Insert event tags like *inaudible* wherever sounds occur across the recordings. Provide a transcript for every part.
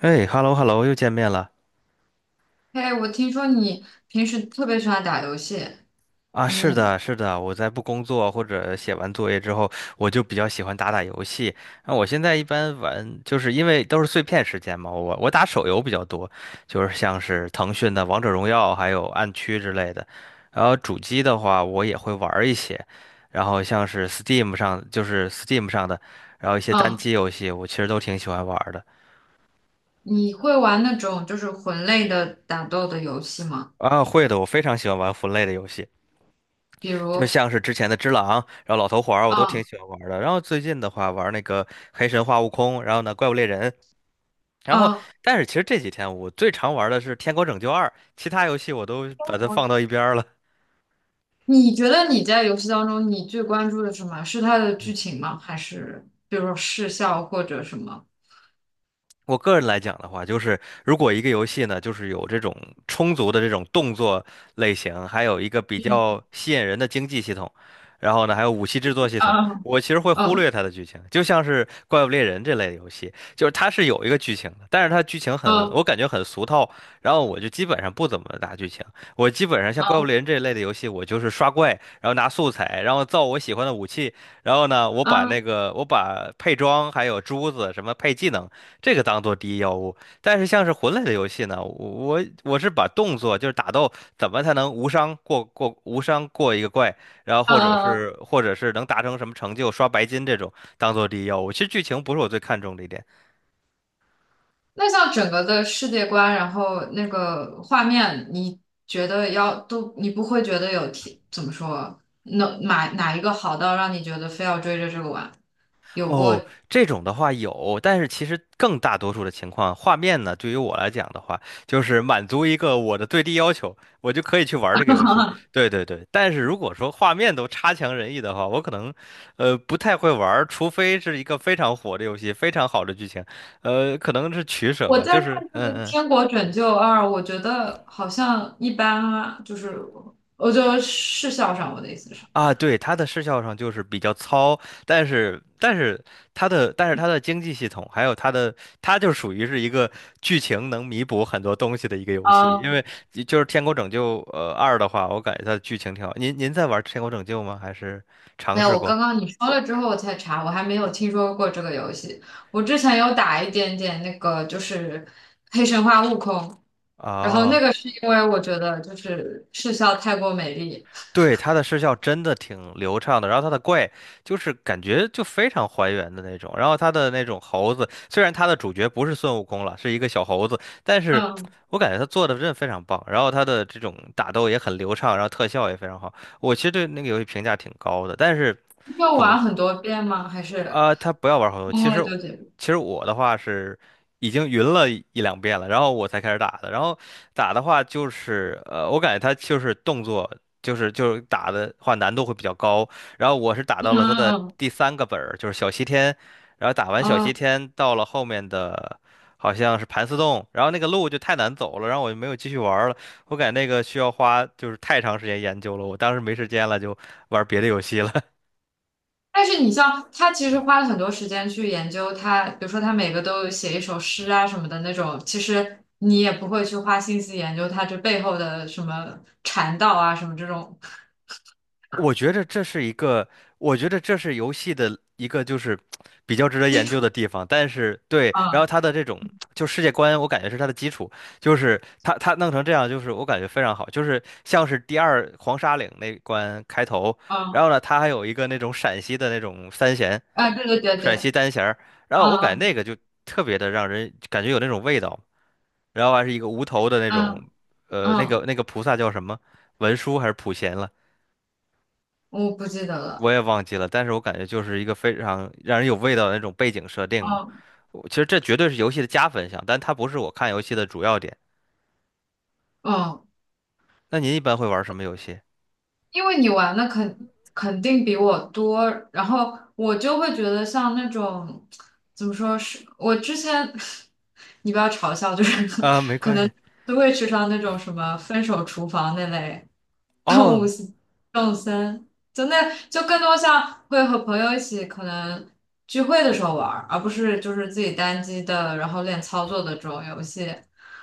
哎，hello hello，又见面了。哎，我听说你平时特别喜欢打游戏，啊！是你的，是的，我在不工作或者写完作业之后，我就比较喜欢打打游戏。那我现在一般玩，就是因为都是碎片时间嘛，我打手游比较多，就是像是腾讯的《王者荣耀》还有《暗区》之类的。然后主机的话，我也会玩儿一些，然后像是 Steam 上，就是 Steam 上的，然后一些单啊机游戏，我其实都挺喜欢玩儿的。你会玩那种就是魂类的打斗的游戏吗？啊，会的，我非常喜欢玩魂类的游戏。比就如，像是之前的只狼，然后老头环儿我都挺啊喜欢玩儿的。然后最近的话玩儿那个黑神话悟空，然后呢怪物猎人。然后啊，但是其实这几天我最常玩儿的是天国拯救二，其他游戏我都把它放我到一边儿了。你觉得你在游戏当中你最关注的什么？是它的剧情吗？还是比如说视效或者什么？我个人来讲的话，就是如果一个游戏呢，就是有这种充足的这种动作类型，还有一个比嗯，较吸引人的经济系统，然后呢，还有武器制作系统，啊我其实会忽啊略它的剧情。就像是《怪物猎人》这类的游戏，就是它是有一个剧情的，但是它剧情很，啊我感觉很俗套，然后我就基本上不怎么打剧情。我基本上像《怪物啊猎人》这一类的游戏，我就是刷怪，然后拿素材，然后造我喜欢的武器，然后呢，我把那啊个我把配装还有珠子什么配技能。这个当做第一要务。但是像是魂类的游戏呢，我是把动作就是打斗怎么才能无伤过一个怪，然后啊或者啊啊！是或者是能达成什么成就刷白金这种当做第一要务。其实剧情不是我最看重的一点。那像整个的世界观，然后那个画面，你觉得要都，你不会觉得有提，怎么说，哪一个好到让你觉得非要追着这个玩？有过，哦，这种的话有，但是其实更大多数的情况，画面呢，对于我来讲的话，就是满足一个我的最低要求，我就可以去玩这个游戏。对对对，但是如果说画面都差强人意的话，我可能，不太会玩，除非是一个非常火的游戏，非常好的剧情，可能是取舍我吧，就在看是，这个嗯嗯。《天国拯救二》，我觉得好像一般啊，就是我就视效上，我的意思是，啊，对，它的视效上就是比较糙，但是它的经济系统，还有它的，它就属于是一个剧情能弥补很多东西的一个游戏，因嗯，为就是《天国拯救》二的话，我感觉它的剧情挺好。您在玩《天国拯救》吗？还是没尝有，试我过？刚刚你说了之后我才查，我还没有听说过这个游戏，我之前有打一点点那个，就是黑神话悟空。然后那啊？个是因为我觉得就是视笑太过美丽。对，它的视效真的挺流畅的，然后它的怪就是感觉就非常还原的那种，然后它的那种猴子，虽然它的主角不是孙悟空了，是一个小猴子，但是嗯，我感觉他做的真的非常棒，然后他的这种打斗也很流畅，然后特效也非常好，我其实对那个游戏评价挺高的，但是要总玩很多遍吗？还是啊，他不要玩好多。通其实，了就结束？其实我的话是已经云了一两遍了，然后我才开始打的。然后打的话就是，我感觉他就是动作，就是打的话难度会比较高。然后我是打嗯到了他的嗯第三个本儿，就是小西天。然后打完小嗯西嗯。天，到了后面的好像是盘丝洞，然后那个路就太难走了，然后我就没有继续玩儿了。我感觉那个需要花就是太长时间研究了，我当时没时间了，就玩别的游戏了。但是你像他其实花了很多时间去研究他，比如说他每个都有写一首诗啊什么的那种，其实你也不会去花心思研究他这背后的什么禅道啊什么这种我觉得这是一个，我觉得这是游戏的一个就是比较值得基研究的础。地方。但是对，然后嗯它的这种就世界观，我感觉是它的基础，就是它它弄成这样，就是我感觉非常好，就是像是第二黄沙岭那关开头，然嗯，后呢，它还有一个那种陕西的那种三弦，啊，对对对陕西对，单弦儿，然后我感觉那嗯个就特别的让人感觉有那种味道，然后还是一个无头的那种，嗯嗯那个嗯，那个菩萨叫什么？文殊还是普贤了？我不记得我了。也忘记了，但是我感觉就是一个非常让人有味道的那种背景设定嘛。嗯我其实这绝对是游戏的加分项，但它不是我看游戏的主要点。嗯。那您一般会玩什么游戏？因为你玩的肯定比我多，然后我就会觉得像那种怎么说是，我之前 *laughs* 你不要嘲笑，就是啊，没可关能系。都会去上那种什么《分手厨房》那类动物哦，性动森，就那就更多像会和朋友一起可能聚会的时候玩儿而不是就是自己单机的，然后练操作的这种游戏。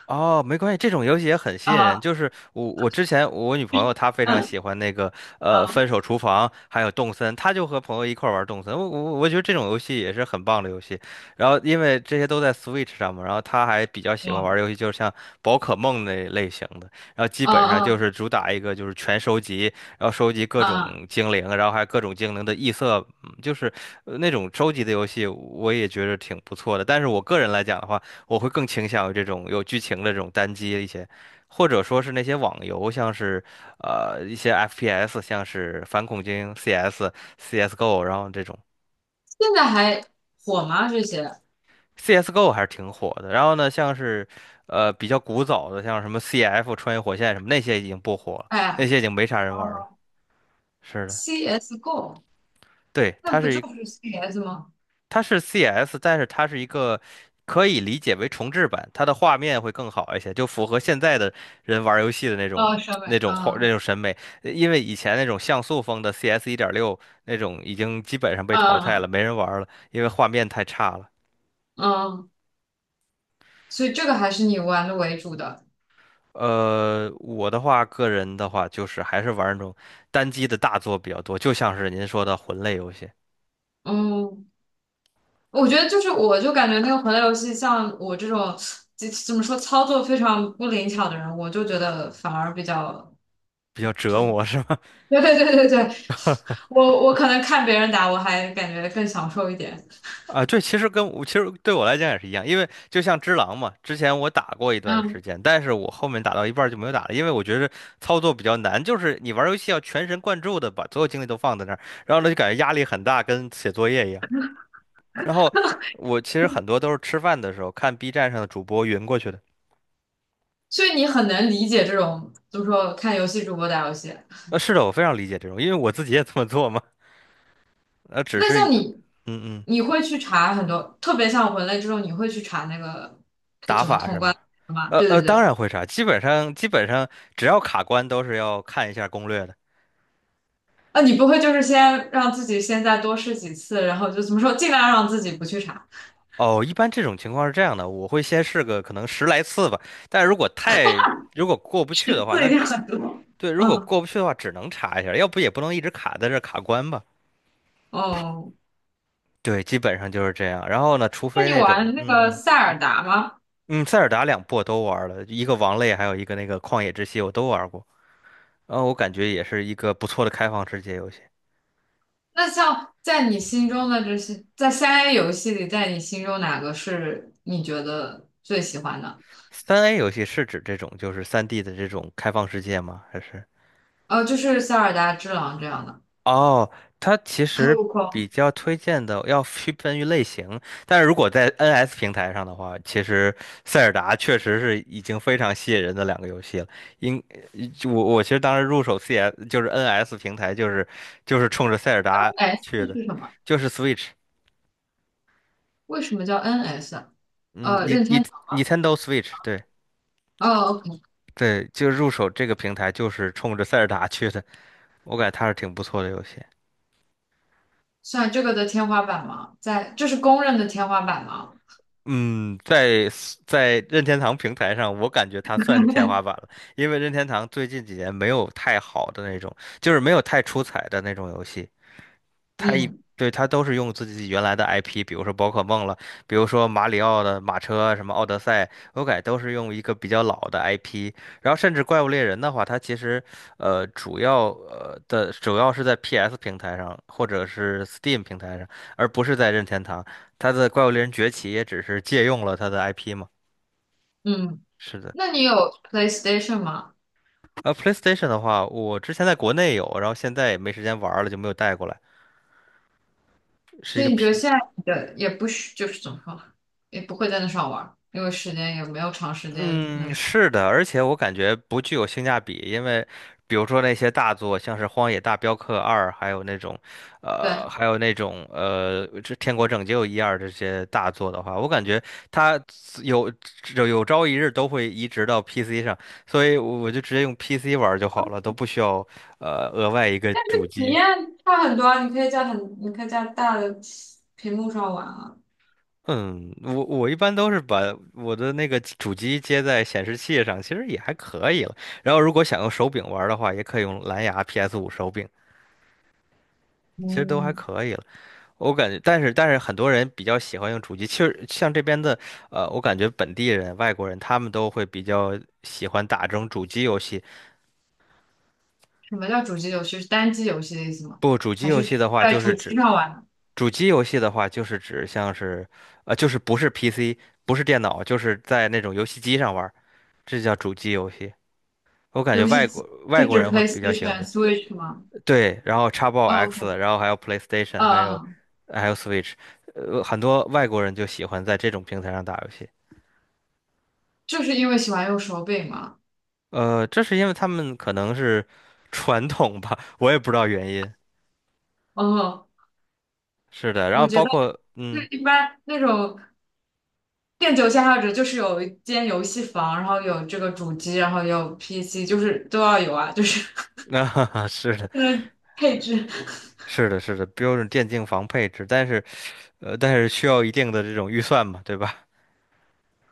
哦，没关系，这种游戏也很吸引人。啊，就是我，我之前我女朋友她非常嗯喜欢那个《分嗯手厨房》，还有《动森》，她就和朋友一块儿玩儿《动森》。我觉得这种游戏也是很棒的游戏。然后因为这些都在 Switch 上嘛，然后她还比较喜欢玩嗯儿游戏，就是像宝可梦那类型的。然后基嗯本上就嗯是主打一个就是全收集，然后收集各种嗯，精灵，然后还有各种精灵的异色，嗯就是那种收集的游戏，我也觉得挺不错的。但是我个人来讲的话，我会更倾向于这种有剧情的这种单机一些，或者说是那些网游，像是一些 FPS,像是反恐精英 CS、CS:GO,然后这种 现在还火吗？这些？CS:GO 还是挺火的。然后呢，像是比较古早的，像什么 CF 穿越火线什么那些已经不火了，那哎，些已经没啥人玩了。哦是的，，CS:GO，对，那不就是 CS 吗？它是 CS,但是它是一个可以理解为重置版，它的画面会更好一些，就符合现在的人玩游戏的那种哦，上那面，种画那嗯种审美。因为以前那种像素风的 CS 一点六那种已经基本上被淘汰嗯了，没人玩了，因为画面太差了。嗯，所以这个还是你玩的为主的。我的话，个人的话，就是还是玩那种单机的大作比较多，就像是您说的魂类游戏，嗯，我觉得就是，我就感觉那个魂类游戏，像我这种怎么说操作非常不灵巧的人，我就觉得反而比较比较就折是 磨，是吧？*laughs*，对对对对对，我可能看别人打，我还感觉更享受一点。啊，对，其实跟我其实对我来讲也是一样，因为就像只狼嘛，之前我打过一段嗯，时间，但是我后面打到一半儿就没有打了，因为我觉得操作比较难，就是你玩儿游戏要全神贯注的把所有精力都放在那儿，然后呢就感觉压力很大，跟写作业一样。然后我其实很多都是吃饭的时候看 B 站上的主播云过去的。所以你很能理解这种，就么说看游戏主播打游戏。是的，我非常理解这种，因为我自己也这么做嘛。呃，只那是，像你，嗯嗯，你会去查很多，特别像文类这种，你会去查那个它打怎么法是通关吗？的吗？对对当对，然会查，基本上只要卡关都是要看一下攻略的。啊，你不会就是先让自己现在多试几次，然后就怎么说，尽量让自己不去查，哦，一般这种情况是这样的，我会先试个可能十来次吧，但如果太如果过不去十的话，次一那定很多。对，如果嗯，过不去的话，只能查一下，要不也不能一直卡在这儿卡关吧。哦，对，基本上就是这样。然后呢，除那非你那种，玩那嗯个嗯。塞尔达吗？嗯，塞尔达两部我都玩了，一个王类，还有一个那个旷野之息，我都玩过。然后我感觉也是一个不错的开放世界游戏。那像在你心中的这些，在三 A 游戏里，在你心中哪个是你觉得最喜欢的？三 A 游戏是指这种就是三 d 的这种开放世界吗？还是？呃，就是塞尔达之狼这样的，哦，它其还实有比光 较推荐的要区分于类型，但是如果在 NS 平台上的话，其实塞尔达确实是已经非常吸引人的两个游戏了。应，我其实当时入手 CS 就是 NS 平台，就是冲着塞尔达 S 去的，是什么？就是 Switch。为什么叫 NS 啊嗯，你任你 天堂吗？Nintendo Switch，对哦，OK，对。就入手这个平台就是冲着塞尔达去的，我感觉它是挺不错的游戏。算这个的天花板吗？在，这是公认的天花板吗？嗯，在 在任天堂平台上，我感觉它算是天花板 *laughs* 了，因为任天堂最近几年没有太好的那种，就是没有太出彩的那种游戏。嗯对，它都是用自己原来的 IP，比如说宝可梦了，比如说马里奥的马车，什么奥德赛，我感觉都是用一个比较老的 IP。然后甚至怪物猎人的话，它其实主要是在 PS 平台上或者是 Steam 平台上，而不是在任天堂。它的怪物猎人崛起也只是借用了它的 IP 嘛。嗯，是的。那你有 PlayStation 吗？PlayStation 的话，我之前在国内有，然后现在也没时间玩儿了，就没有带过来，是一所个 以你觉 P 得现在你的也不需，就是怎么说，也不会在那上玩儿，因为时间也没有长时间。嗯，嗯，是的。而且我感觉不具有性价比，因为比如说那些大作，像是《荒野大镖客二》，还有那种，对，这《天国拯救一二》这些大作的话，我感觉它有有朝一日都会移植到 PC 上，所以我就直接用 PC 玩儿就好了，都不需要额外一个主体机。验差很多啊，你可以在很，你可以在大的屏幕上玩啊。嗯，我一般都是把我的那个主机接在显示器上，其实也还可以了。然后如果想用手柄玩儿的话，也可以用蓝牙 PS5手柄，其实都还嗯，可以了。我感觉，但是很多人比较喜欢用主机，其实像这边的。我感觉本地人、外国人他们都会比较喜欢打这种主机游戏。什么叫主机游戏？是单机游戏的意思吗？不，主机还游是只戏的话，在就是主机指上玩？主机游戏的话，就是指像是，就是不是 PC，不是电脑，就是在那种游戏机上玩儿这叫主机游戏。我感觉游戏机外是国指 人会比较喜欢 PlayStation、这。Switch 吗？对，然后 Xbox o k x box 然后还有 PlayStation，嗯还有嗯，还有 Switch。很多外国人就喜欢在这种平台上打游戏。就是因为喜欢用手柄嘛。这是因为他们可能是 *laughs* 传统吧，*laughs* 我也不知道原因。嗯，是的，然我后觉包得括一般那种电竞爱好者就是有一间游戏房，然后有这个主机，然后有 PC，就是都要有啊，就是 *laughs* 啊，是的，*laughs* 那个配置。是的，是的，标准电竞房配置，但是需要一定的这种预算嘛，对吧？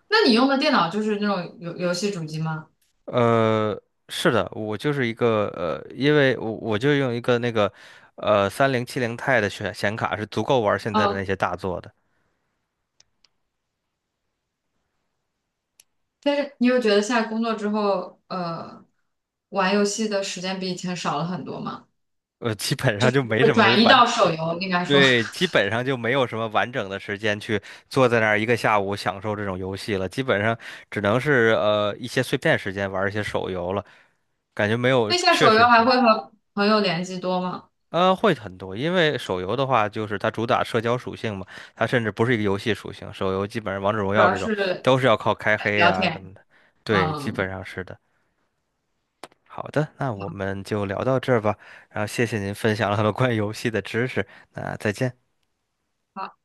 那你用的电脑就是那种游戏主机吗？呃，是的，我就是一个呃，因为我就用一个那个3070 Ti 的显卡是足够玩现在的嗯，那些大作的。但是你有觉得现在工作之后，玩游戏的时间比以前少了很多吗？基本上就没什么转移完，到手游，应该说。对，基本上就没有什么完整的时间去坐在那儿一个下午享受这种游戏了，基本上只能是一些碎片时间玩一些手游了，感觉没有，那下确手实游还是。会和朋友联系多吗？会很多，因为手游的话，就是它主打社交属性嘛，它甚至不是一个游戏属性。手游基本上王者荣主耀要这种是都是要靠开黑聊呀、什天。么。对，基本嗯，上是的。好的，那我们就聊到这儿吧。然后谢谢您分享了很多关于游戏的知识，那再见。好。